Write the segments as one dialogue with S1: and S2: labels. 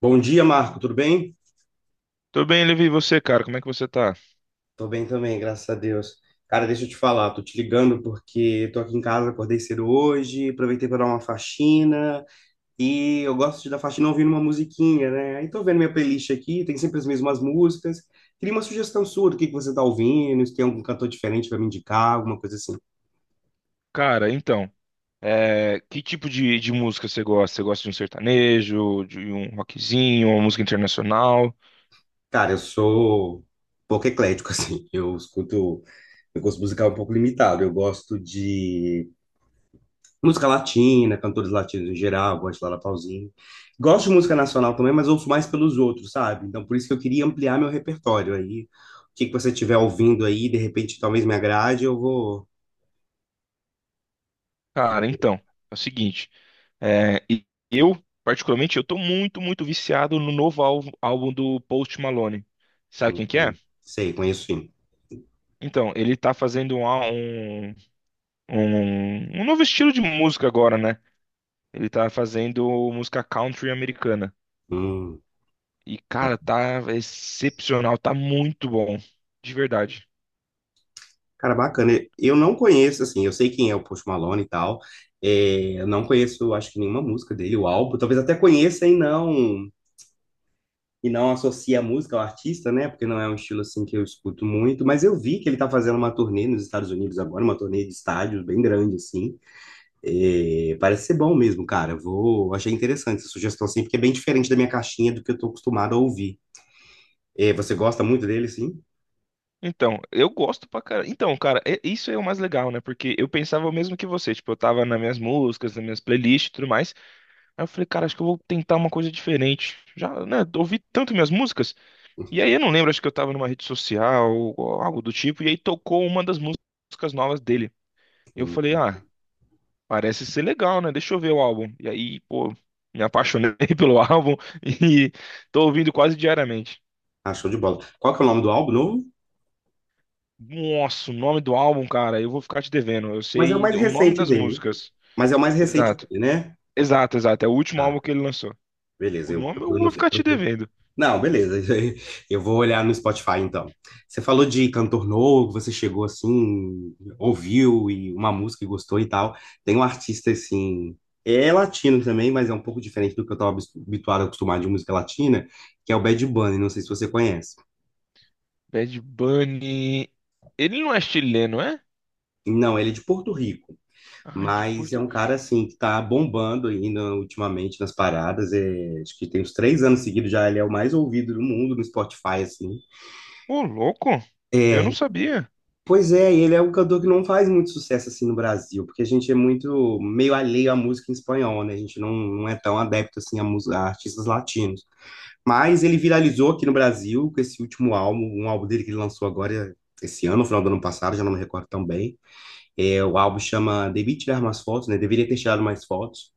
S1: Bom dia, Marco, tudo bem?
S2: Tô bem, Levi, e você, cara? Como é que você tá?
S1: Tô bem também, graças a Deus. Cara, deixa eu te falar, tô te ligando porque tô aqui em casa, acordei cedo hoje, aproveitei para dar uma faxina e eu gosto de dar faxina ouvindo uma musiquinha, né? Aí tô vendo minha playlist aqui, tem sempre as mesmas músicas. Queria uma sugestão sua do que você tá ouvindo, se tem algum cantor diferente para me indicar, alguma coisa assim.
S2: Cara, então, que tipo de música você gosta? Você gosta de um sertanejo, de um rockzinho, uma música internacional?
S1: Cara, eu sou pouco eclético, assim, eu escuto, meu gosto musical é um pouco limitado, eu gosto de música latina, cantores latinos em geral, gosto de Laura Pausini. Gosto de música nacional também, mas ouço mais pelos outros, sabe? Então, por isso que eu queria ampliar meu repertório aí. O que que você estiver ouvindo aí, de repente, talvez me agrade, eu vou.
S2: Cara, então, é o seguinte, é, e- eu, particularmente, eu tô muito viciado no novo álbum do Post Malone. Sabe
S1: Hum,
S2: quem que é?
S1: hum, Sei, conheço sim.
S2: Então, ele tá fazendo um novo estilo de música agora, né? Ele tá fazendo música country americana.
S1: Hum,
S2: E,
S1: ba-
S2: cara, tá excepcional, tá muito bom. De verdade.
S1: cara, bacana. Eu não conheço, assim, eu sei quem é o Post Malone e tal. É, eu não conheço, acho que nenhuma música dele, o álbum. Talvez até conheça e não. e não associa a música ao artista, né? Porque não é um estilo assim que eu escuto muito, mas eu vi que ele tá fazendo uma turnê nos Estados Unidos agora, uma turnê de estádios bem grande, assim. É, parece ser bom mesmo, cara. Vou, achei interessante essa sugestão, assim, porque é bem diferente da minha caixinha do que eu tô acostumado a ouvir. É, você gosta muito dele, sim?
S2: Então, eu gosto pra cara. Então, cara, isso é o mais legal, né? Porque eu pensava o mesmo que você. Tipo, eu tava nas minhas músicas, nas minhas playlists e tudo mais. Aí eu falei, cara, acho que eu vou tentar uma coisa diferente. Já, né? Ouvi tanto minhas músicas. E aí eu não lembro, acho que eu tava numa rede social ou algo do tipo. E aí tocou uma das músicas novas dele. E eu
S1: Hum,
S2: falei, ah, parece ser legal, né? Deixa eu ver o álbum. E aí, pô, me apaixonei pelo álbum e tô ouvindo quase diariamente.
S1: ah, show de bola. Qual que é o nome do álbum novo?
S2: Nossa, o nome do álbum, cara, eu vou ficar te devendo. Eu
S1: Mas é o
S2: sei
S1: mais
S2: o nome
S1: recente
S2: das
S1: dele.
S2: músicas.
S1: Mas é o mais recente
S2: Exato.
S1: dele, né?
S2: Exato, exato. É o último álbum
S1: Tá,
S2: que ele lançou.
S1: beleza.
S2: O
S1: Eu
S2: nome eu
S1: procuro no,
S2: vou
S1: eu
S2: ficar te
S1: procuro
S2: devendo.
S1: não, beleza. Eu vou olhar no Spotify então. Você falou de cantor novo, você chegou assim, ouviu e uma música e gostou e tal. Tem um artista assim, é latino também, mas é um pouco diferente do que eu estava habituado, acostumado de música latina, que é o Bad Bunny, não sei se você conhece.
S2: Bad Bunny. Ele não é chileno, é?
S1: Não, ele é de Porto Rico,
S2: Ai, de
S1: mas é
S2: Porto.
S1: um cara assim que tá bombando ainda ultimamente nas paradas. É, acho que tem uns três anos seguidos já, ele é o mais ouvido do mundo no Spotify, assim.
S2: Ô, louco. Eu não
S1: É,
S2: sabia.
S1: pois é, e ele é um cantor que não faz muito sucesso assim no Brasil, porque a gente é muito meio alheio à música em espanhol, né? A gente não é tão adepto assim a, mus- a artistas latinos. Mas ele viralizou aqui no Brasil com esse último álbum, um álbum dele que ele lançou agora esse ano, no final do ano passado, já não me recordo tão bem. É, o álbum chama Devia Tirar Mais Fotos, né? Deveria ter tirado mais fotos.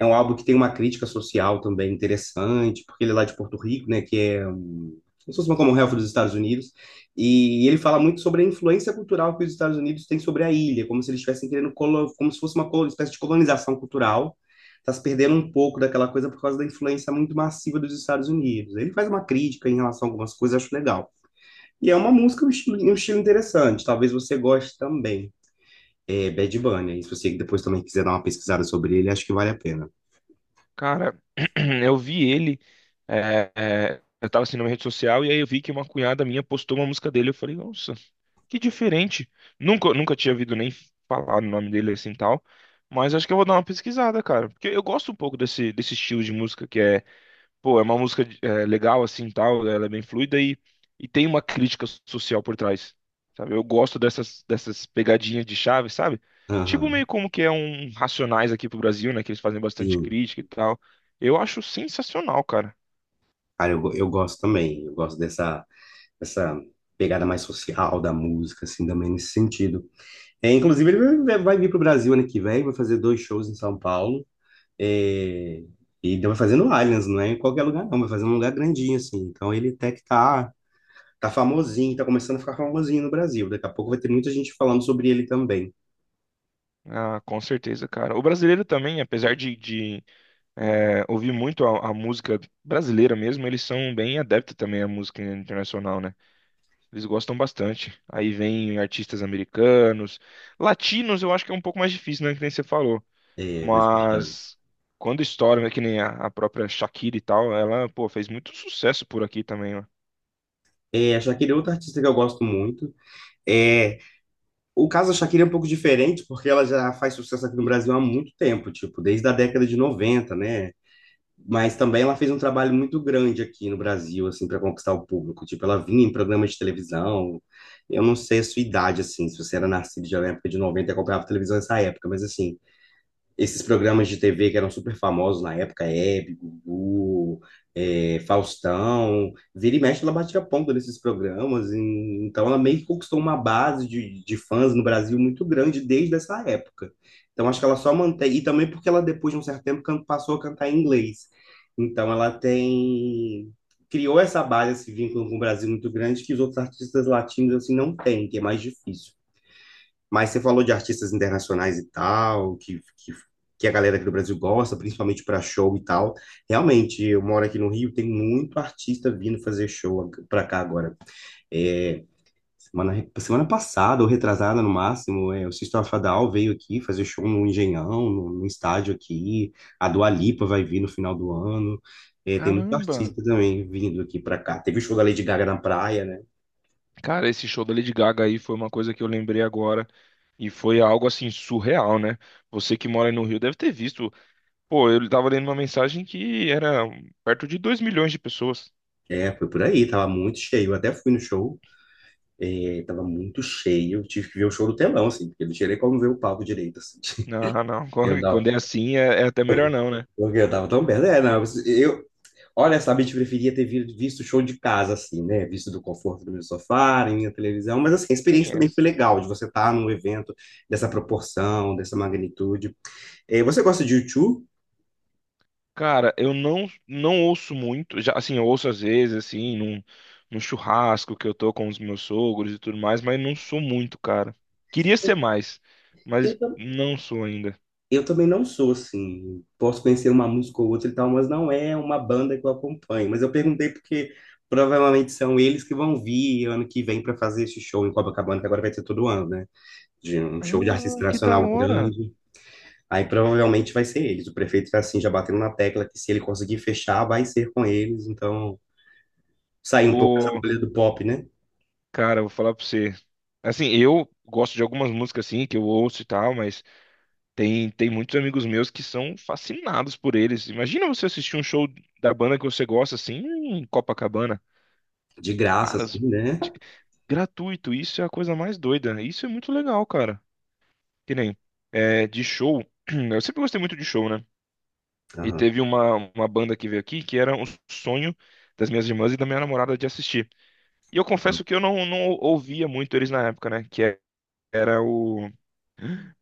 S1: É um álbum que tem uma crítica social também interessante, porque ele é lá de Porto Rico, né, que é um, como se fosse uma Commonwealth dos Estados Unidos, e ele fala muito sobre a influência cultural que os Estados Unidos têm sobre a ilha, como se eles estivessem querendo, colo- como se fosse uma colo- espécie de colonização cultural, está se perdendo um pouco daquela coisa por causa da influência muito massiva dos Estados Unidos. Ele faz uma crítica em relação a algumas coisas, acho legal. E é uma música, um estilo interessante, talvez você goste também. É Bad Bunny, e se você depois também quiser dar uma pesquisada sobre ele, acho que vale a pena.
S2: Cara, eu vi ele. Eu tava assim numa rede social e aí eu vi que uma cunhada minha postou uma música dele. Eu falei, nossa, que diferente. Nunca tinha ouvido nem falar o nome dele assim e tal. Mas acho que eu vou dar uma pesquisada, cara. Porque eu gosto um pouco desse estilo de música. Pô, é uma música, legal assim, tal, ela é bem fluida e tem uma crítica social por trás, sabe? Eu gosto dessas pegadinhas de chave, sabe? Tipo
S1: Aham.
S2: meio como que é um Racionais aqui pro Brasil, né, que eles fazem bastante
S1: Sim,
S2: crítica e tal. Eu acho sensacional, cara.
S1: cara, eu, go- eu gosto também, eu gosto dessa, dessa pegada mais social da música, assim, também nesse sentido. É, inclusive, ele vai vir pro Brasil ano que vem, vai fazer dois shows em São Paulo, é, e vai fazer no Allianz, não é em qualquer lugar não, vai fazer num lugar grandinho, assim, então ele até que tá, tá famosinho, tá começando a ficar famosinho no Brasil, daqui a pouco vai ter muita gente falando sobre ele também,
S2: Ah, com certeza, cara. O brasileiro também, apesar de ouvir muito a música brasileira mesmo, eles são bem adeptos também à música internacional, né? Eles gostam bastante. Aí vem artistas americanos. Latinos eu acho que é um pouco mais difícil, né? Que nem você falou.
S1: é, mas fechando.
S2: Mas quando estouram, é que nem a própria Shakira e tal, ela, pô, fez muito sucesso por aqui também, ó.
S1: É, a Shakira é outra artista que eu gosto muito, é. O caso da Shakira é um pouco diferente, porque ela já faz sucesso aqui no Brasil há muito tempo, tipo, desde a década de 90, né? Mas também ela fez um trabalho muito grande aqui no Brasil, assim, para conquistar o público. Tipo, ela vinha em programas de televisão. Eu não sei a sua idade, assim, se você era nascido já na época de 90 e acompanhava televisão nessa época, mas assim, esses programas de TV que eram super famosos na época, Hebe, Gugu, é, Faustão, vira e mexe, ela batia a ponta nesses programas, e- então ela meio que conquistou uma base de fãs no Brasil muito grande desde essa época. Então acho que ela só mantém, e também porque ela depois de um certo tempo can- passou a cantar em inglês. Então ela tem, criou essa base, esse vínculo com o Brasil muito grande que os outros artistas latinos assim não têm, que é mais difícil. Mas você falou de artistas internacionais e tal, que a galera aqui do Brasil gosta, principalmente para show e tal. Realmente, eu moro aqui no Rio, tem muito artista vindo fazer show para cá agora. É, semana passada, ou retrasada no máximo, é, o System of a Down veio aqui fazer show no Engenhão, no estádio aqui. A Dua Lipa vai vir no final do ano. É, tem muito
S2: Caramba!
S1: artista também vindo aqui para cá. Teve o show da Lady Gaga na praia, né?
S2: Cara, esse show da Lady Gaga aí foi uma coisa que eu lembrei agora e foi algo assim surreal, né? Você que mora aí no Rio deve ter visto. Pô, eu tava lendo uma mensagem que era perto de 2 milhões de pessoas.
S1: É, foi por aí, tava muito cheio. Eu até fui no show. Ele tava muito cheio, eu tive que ver o show do telão, assim, porque não tinha nem como ver o palco direito, assim.
S2: Não, não,
S1: Eu
S2: quando
S1: andava,
S2: é assim é até melhor não, né?
S1: porque eu tava tão perto. É, não, eu, olha, sabe, a gente preferia ter vi- visto o show de casa, assim, né? Visto do conforto do meu sofá, na minha televisão, mas assim, a experiência
S2: Quem é?
S1: também foi legal, de você estar num evento dessa proporção, dessa magnitude. Você gosta de U2?
S2: Cara, eu não ouço muito, já assim, eu ouço às vezes assim, num churrasco que eu tô com os meus sogros e tudo mais, mas não sou muito, cara. Queria ser mais, mas não sou ainda.
S1: Eu também não sou assim. Posso conhecer uma música ou outra e tal, mas não é uma banda que eu acompanho. Mas eu perguntei porque provavelmente são eles que vão vir ano que vem para fazer esse show em Copacabana, que agora vai ter todo ano, né? De um show de
S2: Ah,
S1: artista
S2: que da
S1: nacional
S2: hora.
S1: grande. Aí provavelmente vai ser eles. O prefeito tá assim, já batendo na tecla que se ele conseguir fechar, vai ser com eles. Então, sair um pouco dessa
S2: Pô,
S1: bolha do pop, né?
S2: cara, eu vou falar pra você. Assim, eu gosto de algumas músicas assim que eu ouço e tal, mas tem muitos amigos meus que são fascinados por eles. Imagina você assistir um show da banda que você gosta assim, em Copacabana.
S1: De graça,
S2: Cara,
S1: assim,
S2: s-
S1: né?
S2: de- Gratuito, isso é a coisa mais doida. Né? Isso é muito legal, cara. Que nem é, de show. Eu sempre gostei muito de show, né? E
S1: Ah,
S2: teve uma banda que veio aqui que era um sonho das minhas irmãs e da minha namorada de assistir. E eu confesso que eu não ouvia muito eles na época, né? Que é- era o,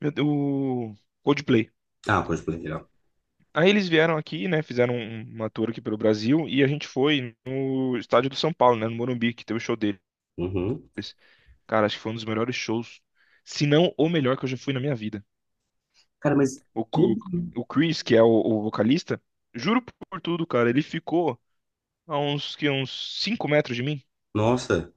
S2: meu Deus, o Coldplay.
S1: ah, coisa legal.
S2: Aí eles vieram aqui, né? Fizeram uma tour aqui pelo Brasil e a gente foi no estádio do São Paulo, né? No Morumbi, que teve o show deles.
S1: Uhum.
S2: Cara, acho que foi um dos melhores shows, se não o melhor que eu já fui na minha vida.
S1: Cara, mas
S2: O, Cu-
S1: tudo.
S2: o Chris, que é o vocalista, juro por tudo, cara, ele ficou a uns 5 metros de mim.
S1: Nossa.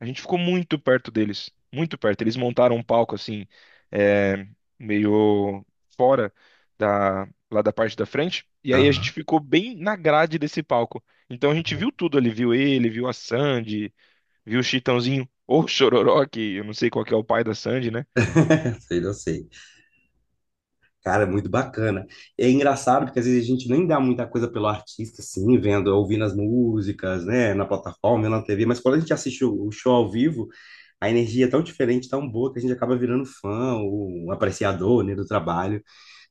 S2: A gente ficou muito perto deles, muito perto. Eles montaram um palco assim, é, meio fora da, lá da parte da frente, e aí a gente
S1: Ah,
S2: ficou bem na grade desse palco. Então a gente viu tudo ali, viu ele, viu a Sandy, viu o Chitãozinho, ou o Chororó, que eu não sei qual que é o pai da Sandy, né?
S1: sei, não sei. Cara, muito bacana. É engraçado porque às vezes a gente nem dá muita coisa pelo artista, assim, vendo, ouvindo as músicas, né, na plataforma, na TV, mas quando a gente assiste o show ao vivo, a energia é tão diferente, tão boa, que a gente acaba virando fã, ou um apreciador, né, do trabalho.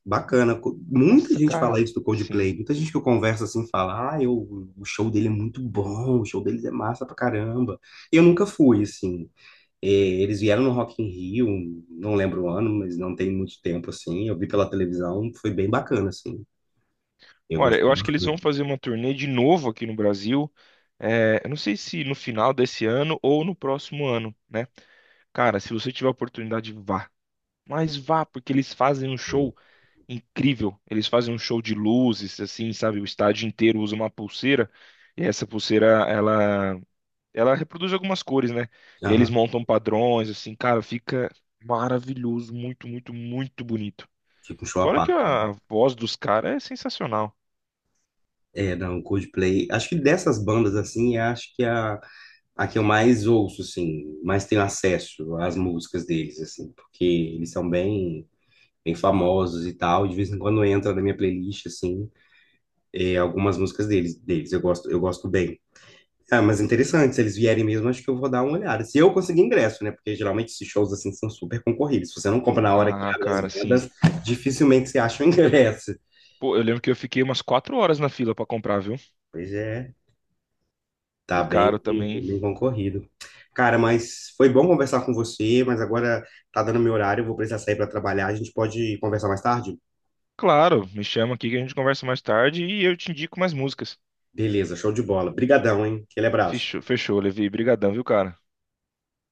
S1: Bacana. Co- muita
S2: Nossa,
S1: gente
S2: cara,
S1: fala isso do
S2: sim.
S1: Coldplay, muita gente que eu converso assim fala, ah, eu, o show dele é muito bom, o show deles é massa pra caramba. Eu nunca fui, assim, e eles vieram no Rock in Rio, não lembro o ano, mas não tem muito tempo, assim. Eu vi pela televisão, foi bem bacana, assim. Eu
S2: Olha, eu
S1: gostei
S2: acho que eles
S1: bastante.
S2: vão fazer uma turnê de novo aqui no Brasil. É, eu não sei se no final desse ano ou no próximo ano, né? Cara, se você tiver a oportunidade, vá. Mas vá, porque eles fazem um show incrível. Eles fazem um show de luzes, assim, sabe? O estádio inteiro usa uma pulseira. E essa pulseira, ela reproduz algumas cores, né? E eles
S1: Aham,
S2: montam padrões, assim, cara, fica maravilhoso, muito, muito, muito bonito.
S1: fica um show à
S2: Fora que
S1: parte.
S2: a voz dos caras é sensacional.
S1: É, não, Coldplay. Acho que dessas bandas, assim, é, acho que a que eu mais ouço, assim, mais tenho acesso às músicas deles, assim, porque eles são bem, bem famosos e tal. De vez em quando entra na minha playlist, assim, é, algumas músicas deles, deles. Eu gosto bem. Ah, mas interessante, se eles vierem mesmo, acho que eu vou dar uma olhada. Se eu conseguir ingresso, né? Porque geralmente esses shows assim são super concorridos. Se você não compra na hora que
S2: Ah,
S1: abre as
S2: cara, sim.
S1: vendas, dificilmente você acha o ingresso.
S2: Pô, eu lembro que eu fiquei umas 4 horas na fila pra comprar, viu?
S1: Pois é,
S2: E
S1: tá bem,
S2: caro também.
S1: bem concorrido. Cara, mas foi bom conversar com você, mas agora tá dando meu horário, eu vou precisar sair para trabalhar. A gente pode conversar mais tarde?
S2: Claro, me chama aqui que a gente conversa mais tarde e eu te indico mais músicas.
S1: Beleza, show de bola. Brigadão, hein? Aquele abraço.
S2: Fechou, fechou, Levi. Brigadão, viu, cara?